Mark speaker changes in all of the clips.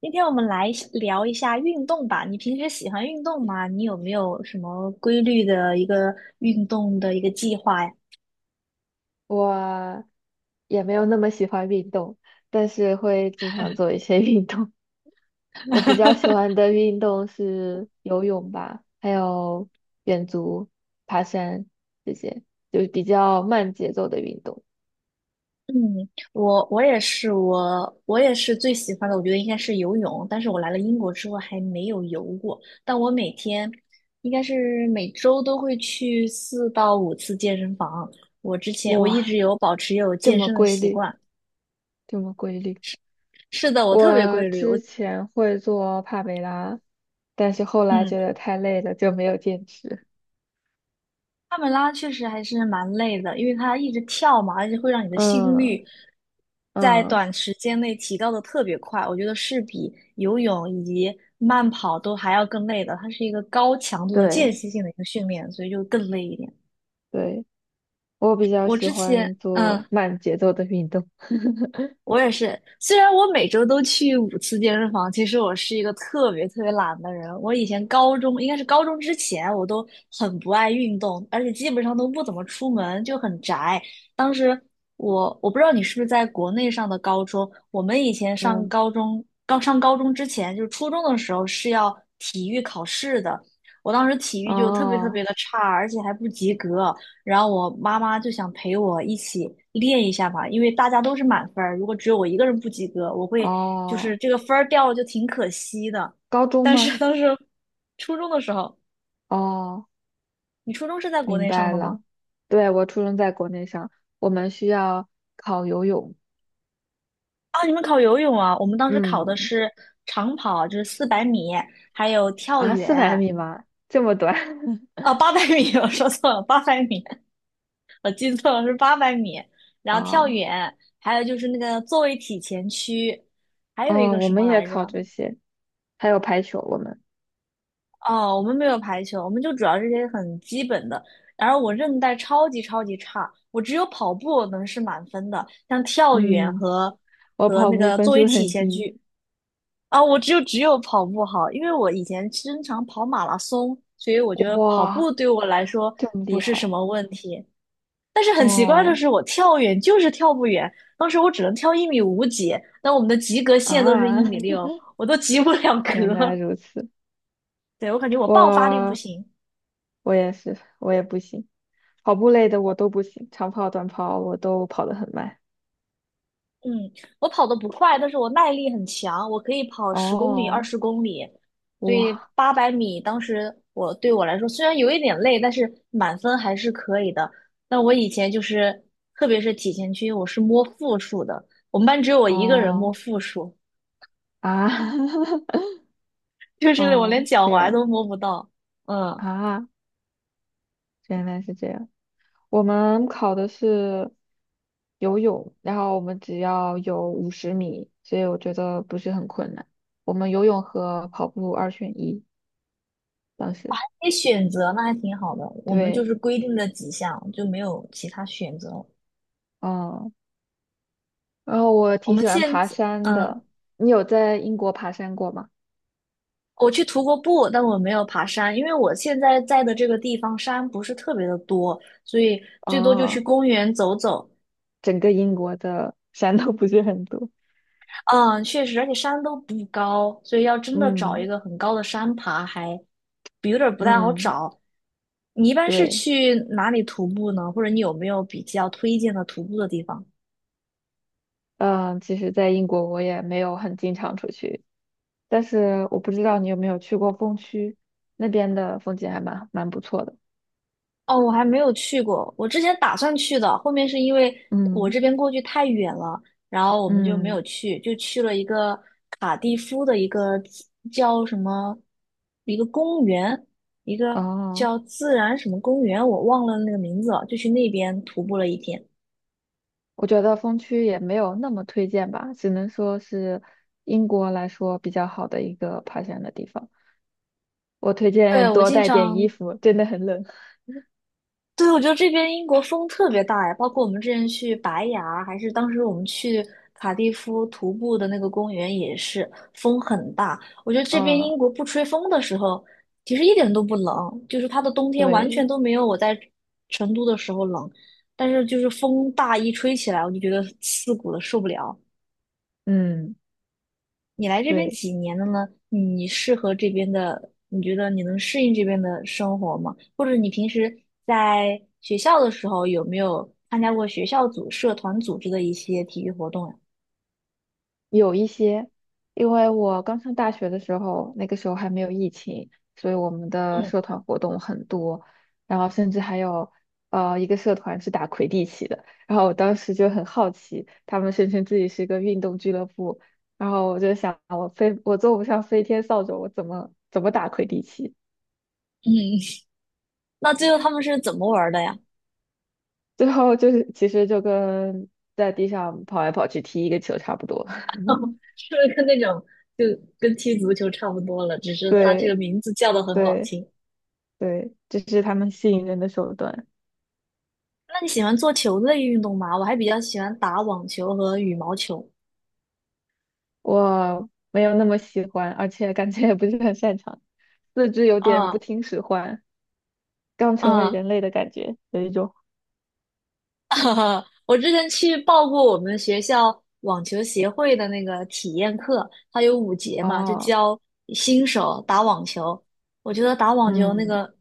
Speaker 1: 今天我们来聊一下运动吧。你平时喜欢运动吗？你有没有什么规律的一个运动的一个计划呀？
Speaker 2: 我也没有那么喜欢运动，但是会经常做一些 运动。我比较喜欢的运动是游泳吧，还有远足、爬山这些，就是比较慢节奏的运动。
Speaker 1: 嗯，我也是，我也是最喜欢的，我觉得应该是游泳。但是我来了英国之后还没有游过，但我每天应该是每周都会去4到5次健身房。我之前我一直
Speaker 2: 哇，
Speaker 1: 有保持有
Speaker 2: 这
Speaker 1: 健
Speaker 2: 么
Speaker 1: 身的
Speaker 2: 规
Speaker 1: 习
Speaker 2: 律，
Speaker 1: 惯。
Speaker 2: 这么规律。
Speaker 1: 是的，我特别
Speaker 2: 我
Speaker 1: 规律。
Speaker 2: 之前会做帕梅拉，但是后来
Speaker 1: 嗯。
Speaker 2: 觉得太累了，就没有坚持。
Speaker 1: 帕梅拉确实还是蛮累的，因为它一直跳嘛，而且会让你的心
Speaker 2: 嗯
Speaker 1: 率在
Speaker 2: 嗯，
Speaker 1: 短时间内提高的特别快。我觉得是比游泳以及慢跑都还要更累的，它是一个高强度的间
Speaker 2: 对
Speaker 1: 歇性的一个训练，所以就更累一点。
Speaker 2: 对，我比较
Speaker 1: 我
Speaker 2: 喜
Speaker 1: 之前，
Speaker 2: 欢做慢节奏的运动。
Speaker 1: 我也是，虽然我每周都去五次健身房，其实我是一个特别特别懒的人。我以前高中，应该是高中之前，我都很不爱运动，而且基本上都不怎么出门，就很宅。当时我不知道你是不是在国内上的高中，我们以前上
Speaker 2: 嗯，
Speaker 1: 高中，刚上高中之前，就是初中的时候是要体育考试的。我当时体育就特别特
Speaker 2: 哦
Speaker 1: 别的差，而且还不及格。然后我妈妈就想陪我一起练一下嘛，因为大家都是满分儿，如果只有我一个人不及格，我会就是
Speaker 2: 哦，
Speaker 1: 这个分儿掉了就挺可惜的。
Speaker 2: 高中
Speaker 1: 但是
Speaker 2: 吗？
Speaker 1: 当时初中的时候，
Speaker 2: 哦，
Speaker 1: 你初中是在国
Speaker 2: 明
Speaker 1: 内上
Speaker 2: 白
Speaker 1: 的吗？
Speaker 2: 了。对，我初中在国内上，我们需要考游泳。
Speaker 1: 啊，你们考游泳啊？我们当时考的
Speaker 2: 嗯，
Speaker 1: 是长跑，就是400米，还有跳
Speaker 2: 啊，四百
Speaker 1: 远，
Speaker 2: 米吗？这么短？
Speaker 1: 啊，八百米，我说错了，800米，我记错了是八百米，然后跳
Speaker 2: 啊、
Speaker 1: 远，还有就是那个坐位体前屈，还有一
Speaker 2: 嗯，
Speaker 1: 个
Speaker 2: 我
Speaker 1: 什
Speaker 2: 们
Speaker 1: 么
Speaker 2: 也
Speaker 1: 来
Speaker 2: 考
Speaker 1: 着？
Speaker 2: 这些，还有排球。我们，
Speaker 1: 哦，我们没有排球，我们就主要这些很基本的。然后我韧带超级超级差，我只有跑步能是满分的，像跳远
Speaker 2: 嗯，
Speaker 1: 和
Speaker 2: 我
Speaker 1: 和
Speaker 2: 跑
Speaker 1: 那
Speaker 2: 步
Speaker 1: 个
Speaker 2: 分
Speaker 1: 作为
Speaker 2: 数
Speaker 1: 体
Speaker 2: 很
Speaker 1: 前
Speaker 2: 低。
Speaker 1: 屈啊，我只有跑步好，因为我以前经常跑马拉松，所以我觉得跑步
Speaker 2: 哇，
Speaker 1: 对我来说
Speaker 2: 这么
Speaker 1: 不
Speaker 2: 厉
Speaker 1: 是什
Speaker 2: 害！
Speaker 1: 么问题。但是很奇怪的
Speaker 2: 哦
Speaker 1: 是，我跳远就是跳不远，当时我只能跳一米五几，但我们的及格线都是一
Speaker 2: 啊，
Speaker 1: 米 六，我都及不了
Speaker 2: 原来
Speaker 1: 格。
Speaker 2: 如此。
Speaker 1: 对，我感觉我爆发力不
Speaker 2: 我
Speaker 1: 行。
Speaker 2: 我也是，我也不行，跑步类的我都不行，长跑、短跑我都跑得很慢。
Speaker 1: 嗯，我跑得不快，但是我耐力很强，我可以跑十公里、二
Speaker 2: 哦，
Speaker 1: 十公里，所以
Speaker 2: 哇，
Speaker 1: 八百米当时我对我来说虽然有一点累，但是满分还是可以的。但我以前就是，特别是体前区，我是摸负数的，我们班只有我一个人摸
Speaker 2: 哦
Speaker 1: 负数，
Speaker 2: 啊，
Speaker 1: 就是我连
Speaker 2: 哦，
Speaker 1: 脚
Speaker 2: 这
Speaker 1: 踝都
Speaker 2: 样
Speaker 1: 摸不到。嗯，
Speaker 2: 啊，原来是这样。我们考的是游泳，然后我们只要有50米，所以我觉得不是很困难。我们游泳和跑步二选一，当时
Speaker 1: 可以选择，那还挺好的。我们就
Speaker 2: 对，
Speaker 1: 是规定了几项，就没有其他选择。
Speaker 2: 嗯，然后我
Speaker 1: 我
Speaker 2: 挺
Speaker 1: 们
Speaker 2: 喜欢
Speaker 1: 现
Speaker 2: 爬
Speaker 1: 在，
Speaker 2: 山的。
Speaker 1: 嗯。
Speaker 2: 你有在英国爬山过吗？
Speaker 1: 我去徒过步，但我没有爬山，因为我现在在的这个地方山不是特别的多，所以最多就去
Speaker 2: 哦，
Speaker 1: 公园走走。
Speaker 2: 整个英国的山都不是很多。
Speaker 1: 嗯，确实，而且山都不高，所以要真的找一
Speaker 2: 嗯
Speaker 1: 个很高的山爬还有点儿不太好
Speaker 2: 嗯，
Speaker 1: 找。你一般是
Speaker 2: 对。
Speaker 1: 去哪里徒步呢？或者你有没有比较推荐的徒步的地方？
Speaker 2: 嗯，其实，在英国我也没有很经常出去，但是我不知道你有没有去过风区，那边的风景还蛮不错的。
Speaker 1: 哦，我还没有去过，我之前打算去的，后面是因为我
Speaker 2: 嗯
Speaker 1: 这边过去太远了，然后我们就没有
Speaker 2: 嗯，
Speaker 1: 去，就去了一个卡蒂夫的一个叫什么，一个公园，一个
Speaker 2: 哦，
Speaker 1: 叫自然什么公园，我忘了那个名字了，就去那边徒步了一天。
Speaker 2: 我觉得风区也没有那么推荐吧，只能说是英国来说比较好的一个爬山的地方。我推
Speaker 1: 对，
Speaker 2: 荐
Speaker 1: 我
Speaker 2: 多
Speaker 1: 经
Speaker 2: 带点
Speaker 1: 常
Speaker 2: 衣服，真的很冷。
Speaker 1: 对，我觉得这边英国风特别大呀，包括我们之前去白崖，还是当时我们去卡蒂夫徒步的那个公园，也是风很大。我觉得 这边
Speaker 2: 啊，
Speaker 1: 英国不吹风的时候，其实一点都不冷，就是它的冬天完全
Speaker 2: 对，
Speaker 1: 都没有我在成都的时候冷，但是就是风大一吹起来，我就觉得刺骨的受不了。
Speaker 2: 嗯，
Speaker 1: 你来这边
Speaker 2: 对。
Speaker 1: 几年了呢？你适合这边的，你觉得你能适应这边的生活吗？或者你平时在学校的时候有没有参加过学校组、社团组织的一些体育活动呀？
Speaker 2: 有一些，因为我刚上大学的时候，那个时候还没有疫情，所以我们的
Speaker 1: 嗯
Speaker 2: 社团活动很多，然后甚至还有一个社团是打魁地奇的，然后我当时就很好奇，他们声称自己是一个运动俱乐部，然后我就想我坐不上飞天扫帚，我怎么打魁地奇？
Speaker 1: 嗯，那最后他们是怎么玩儿的呀？
Speaker 2: 最后就是其实就跟在地上跑来跑去踢一个球差不多，
Speaker 1: 是不是跟那种就跟踢足球差不多了，只是它这个
Speaker 2: 对
Speaker 1: 名字叫的很好
Speaker 2: 对
Speaker 1: 听
Speaker 2: 对，这是他们吸引人的手段。
Speaker 1: 那你喜欢做球类运动吗？我还比较喜欢打网球和羽毛球。
Speaker 2: 我没有那么喜欢，而且感觉也不是很擅长，四肢有点不
Speaker 1: 啊
Speaker 2: 听使唤，刚成为
Speaker 1: 啊！
Speaker 2: 人类的感觉，有一种
Speaker 1: 哈哈，我之前去报过我们学校网球协会的那个体验课，它有5节嘛，就
Speaker 2: 哦，
Speaker 1: 教新手打网球。我觉得打网球那
Speaker 2: 嗯，
Speaker 1: 个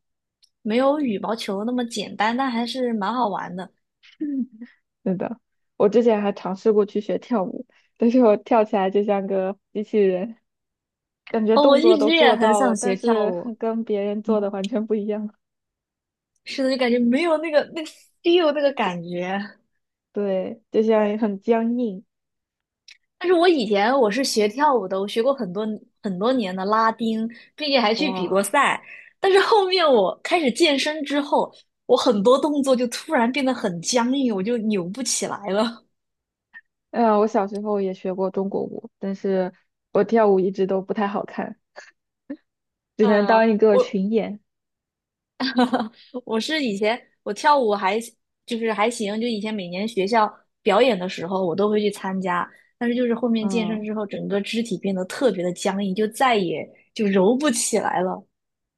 Speaker 1: 没有羽毛球那么简单，但还是蛮好玩的。
Speaker 2: 是的，我之前还尝试过去学跳舞，但是我跳起来就像个机器人，感觉
Speaker 1: 哦，我
Speaker 2: 动作
Speaker 1: 一
Speaker 2: 都
Speaker 1: 直也
Speaker 2: 做
Speaker 1: 很
Speaker 2: 到
Speaker 1: 想
Speaker 2: 了，
Speaker 1: 学
Speaker 2: 但
Speaker 1: 跳
Speaker 2: 是
Speaker 1: 舞，
Speaker 2: 跟别人做
Speaker 1: 嗯，
Speaker 2: 的完全不一样，
Speaker 1: 是的，就感觉没有那个 feel 那个感觉。
Speaker 2: 对，就像很僵硬，
Speaker 1: 但是我以前我是学跳舞的，我学过很多年的拉丁，并且还去比过
Speaker 2: 哇，
Speaker 1: 赛。但是后面我开始健身之后，我很多动作就突然变得很僵硬，我就扭不起来了。
Speaker 2: 嗯，我小时候也学过中国舞，但是我跳舞一直都不太好看，只能当
Speaker 1: 嗯
Speaker 2: 一个
Speaker 1: 我
Speaker 2: 群演。
Speaker 1: 我是以前我跳舞还还行，就以前每年学校表演的时候我都会去参加，但是就是后面健身
Speaker 2: 嗯
Speaker 1: 之后，整个肢体变得特别的僵硬，就再也就揉不起来了。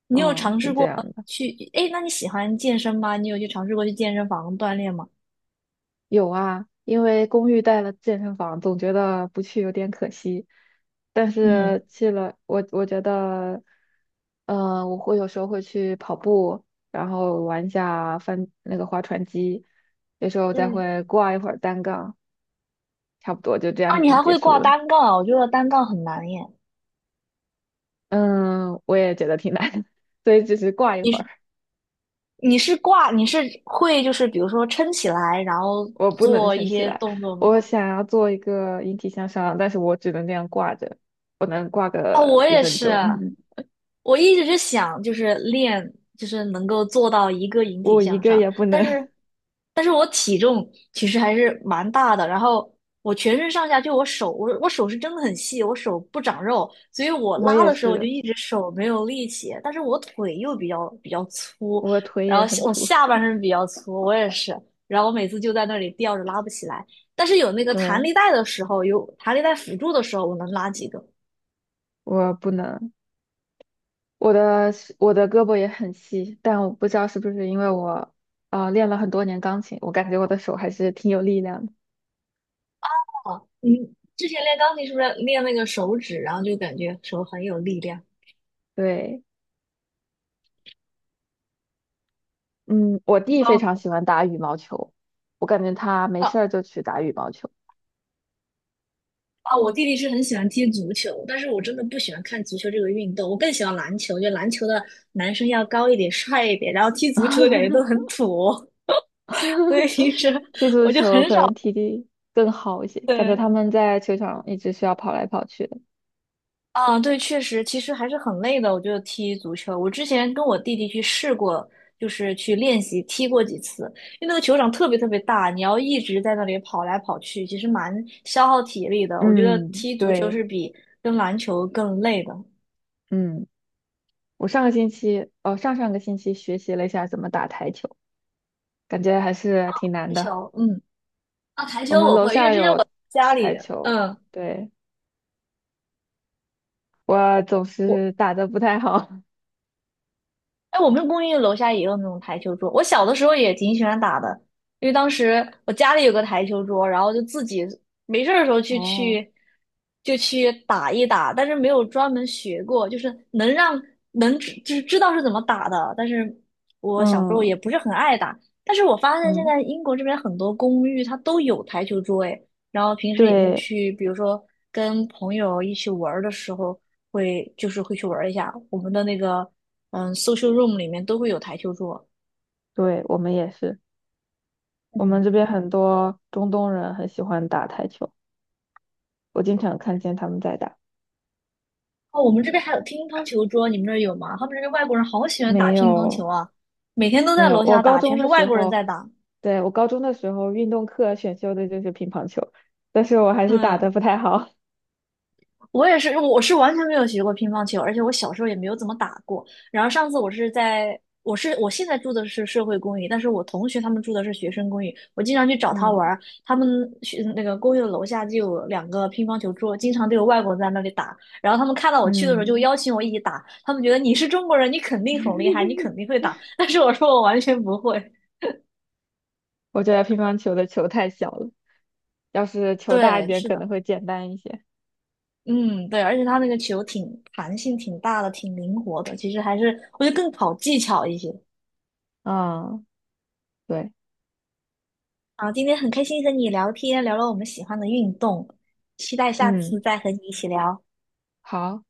Speaker 1: 你有
Speaker 2: 嗯，
Speaker 1: 尝
Speaker 2: 是
Speaker 1: 试
Speaker 2: 这
Speaker 1: 过
Speaker 2: 样的。
Speaker 1: 去？哎，那你喜欢健身吗？你有去尝试过去健身房锻炼吗？
Speaker 2: 有啊，因为公寓带了健身房，总觉得不去有点可惜。但
Speaker 1: 嗯，
Speaker 2: 是去了，我觉得，我会有时候会去跑步，然后玩一下翻那个划船机，有时候再
Speaker 1: 嗯，
Speaker 2: 会挂一会儿单杠，差不多就这
Speaker 1: 啊，
Speaker 2: 样
Speaker 1: 你
Speaker 2: 子
Speaker 1: 还
Speaker 2: 结
Speaker 1: 会挂
Speaker 2: 束了。
Speaker 1: 单杠啊？我觉得单杠很难耶。
Speaker 2: 嗯，我也觉得挺难的，所以只是挂一
Speaker 1: 你
Speaker 2: 会
Speaker 1: 是
Speaker 2: 儿。
Speaker 1: 你是会就是比如说撑起来，然后
Speaker 2: 我不能
Speaker 1: 做一
Speaker 2: 撑起
Speaker 1: 些
Speaker 2: 来，
Speaker 1: 动作吗？
Speaker 2: 我想要做一个引体向上，但是我只能这样挂着，我能挂
Speaker 1: 哦，
Speaker 2: 个
Speaker 1: 我
Speaker 2: 一
Speaker 1: 也
Speaker 2: 分
Speaker 1: 是，
Speaker 2: 钟，
Speaker 1: 我一直是想就是练，就是能够做到一个引体
Speaker 2: 我一
Speaker 1: 向
Speaker 2: 个
Speaker 1: 上，
Speaker 2: 也不
Speaker 1: 但
Speaker 2: 能，
Speaker 1: 是，但是我体重其实还是蛮大的，然后我全身上下就我手，我手是真的很细，我手不长肉，所以 我
Speaker 2: 我
Speaker 1: 拉
Speaker 2: 也
Speaker 1: 的时候就
Speaker 2: 是，
Speaker 1: 一直手没有力气，但是我腿又比较粗，
Speaker 2: 我腿
Speaker 1: 然
Speaker 2: 也
Speaker 1: 后
Speaker 2: 很
Speaker 1: 我
Speaker 2: 粗，
Speaker 1: 下半身比较粗，我也是，然后我每次就在那里吊着拉不起来，但是有那 个弹
Speaker 2: 对，
Speaker 1: 力带的时候，有弹力带辅助的时候，我能拉几个。
Speaker 2: 我不能，我的我的胳膊也很细，但我不知道是不是因为我练了很多年钢琴，我感觉我的手还是挺有力量的，
Speaker 1: 你之前练钢琴是不是练那个手指，然后就感觉手很有力量？
Speaker 2: 对，嗯，我弟非
Speaker 1: 哦
Speaker 2: 常喜欢打羽毛球，我感觉他没
Speaker 1: 哦
Speaker 2: 事儿就去打羽毛球。
Speaker 1: 哦！我弟弟是很喜欢踢足球，但是我真的不喜欢看足球这个运动，我更喜欢篮球。就篮球的男生要高一点、帅一点，然后踢足球的感觉都很土哦，所以平时
Speaker 2: 踢足
Speaker 1: 我就
Speaker 2: 球
Speaker 1: 很
Speaker 2: 可
Speaker 1: 少
Speaker 2: 能踢的更好一些，感觉
Speaker 1: 对。
Speaker 2: 他们在球场一直需要跑来跑去的。
Speaker 1: 啊，对，确实，其实还是很累的。我觉得踢足球，我之前跟我弟弟去试过，就是去练习踢过几次，因为那个球场特别特别大，你要一直在那里跑来跑去，其实蛮消耗体力的。我觉得
Speaker 2: 嗯，
Speaker 1: 踢足球
Speaker 2: 对，
Speaker 1: 是跟篮球更累的。
Speaker 2: 嗯，我上个星期，哦，上上个星期学习了一下怎么打台球，感觉还是挺难
Speaker 1: 台球，
Speaker 2: 的。
Speaker 1: 嗯，啊，台
Speaker 2: 我
Speaker 1: 球
Speaker 2: 们
Speaker 1: 我
Speaker 2: 楼
Speaker 1: 会，因为
Speaker 2: 下
Speaker 1: 之前我
Speaker 2: 有
Speaker 1: 家
Speaker 2: 台
Speaker 1: 里，
Speaker 2: 球，
Speaker 1: 嗯。
Speaker 2: 对，我总
Speaker 1: 我。
Speaker 2: 是打的不太好。
Speaker 1: 哎，我们公寓楼下也有那种台球桌，我小的时候也挺喜欢打的，因为当时我家里有个台球桌，然后就自己没事儿的时候
Speaker 2: 哦，
Speaker 1: 去去打一打，但是没有专门学过，就是能让能知就是知道是怎么打的，但是我小时候也
Speaker 2: 嗯
Speaker 1: 不是很爱打，但是我发现现
Speaker 2: 嗯，
Speaker 1: 在英国这边很多公寓它都有台球桌，哎，然后平时也会
Speaker 2: 对
Speaker 1: 去，比如说跟朋友一起玩儿的时候。会就是会去玩一下。我们的那个social room 里面都会有台球桌。
Speaker 2: 对，我们也是，我们这边很多中东人很喜欢打台球，我经常看见他们在打。
Speaker 1: 哦，我们这边还有乒乓球桌，你们那儿有吗？他们这边外国人好喜欢打
Speaker 2: 没
Speaker 1: 乒乓球
Speaker 2: 有。
Speaker 1: 啊，每天都
Speaker 2: 没
Speaker 1: 在
Speaker 2: 有，
Speaker 1: 楼
Speaker 2: 我
Speaker 1: 下
Speaker 2: 高
Speaker 1: 打，全
Speaker 2: 中
Speaker 1: 是
Speaker 2: 的
Speaker 1: 外
Speaker 2: 时
Speaker 1: 国人
Speaker 2: 候，
Speaker 1: 在打。
Speaker 2: 对，我高中的时候运动课选修的就是乒乓球，但是我还是打得
Speaker 1: 嗯。
Speaker 2: 不太好。
Speaker 1: 我也是，我是完全没有学过乒乓球，而且我小时候也没有怎么打过。然后上次我是在，我是我现在住的是社会公寓，但是我同学他们住的是学生公寓。我经常去找 他玩
Speaker 2: 嗯
Speaker 1: 儿，他们学那个公寓的楼下就有两个乒乓球桌，经常都有外国人在那里打。然后他们看到我去的时候就
Speaker 2: 嗯，
Speaker 1: 邀请我一起打，他们觉得你是中国人，你肯定很厉害，你肯定会 打。但是我说我完全不会。
Speaker 2: 我觉得乒乓球的球太小了，要是球大一
Speaker 1: 对，
Speaker 2: 点
Speaker 1: 是
Speaker 2: 可能
Speaker 1: 的，
Speaker 2: 会简单一些。
Speaker 1: 嗯，对，而且他那个球挺弹性挺大的，挺灵活的，其实还是我觉得更考技巧一些。
Speaker 2: 啊，对，
Speaker 1: 好，今天很开心和你聊天，聊了我们喜欢的运动，期待下次
Speaker 2: 嗯。
Speaker 1: 再和你一起聊。
Speaker 2: 好。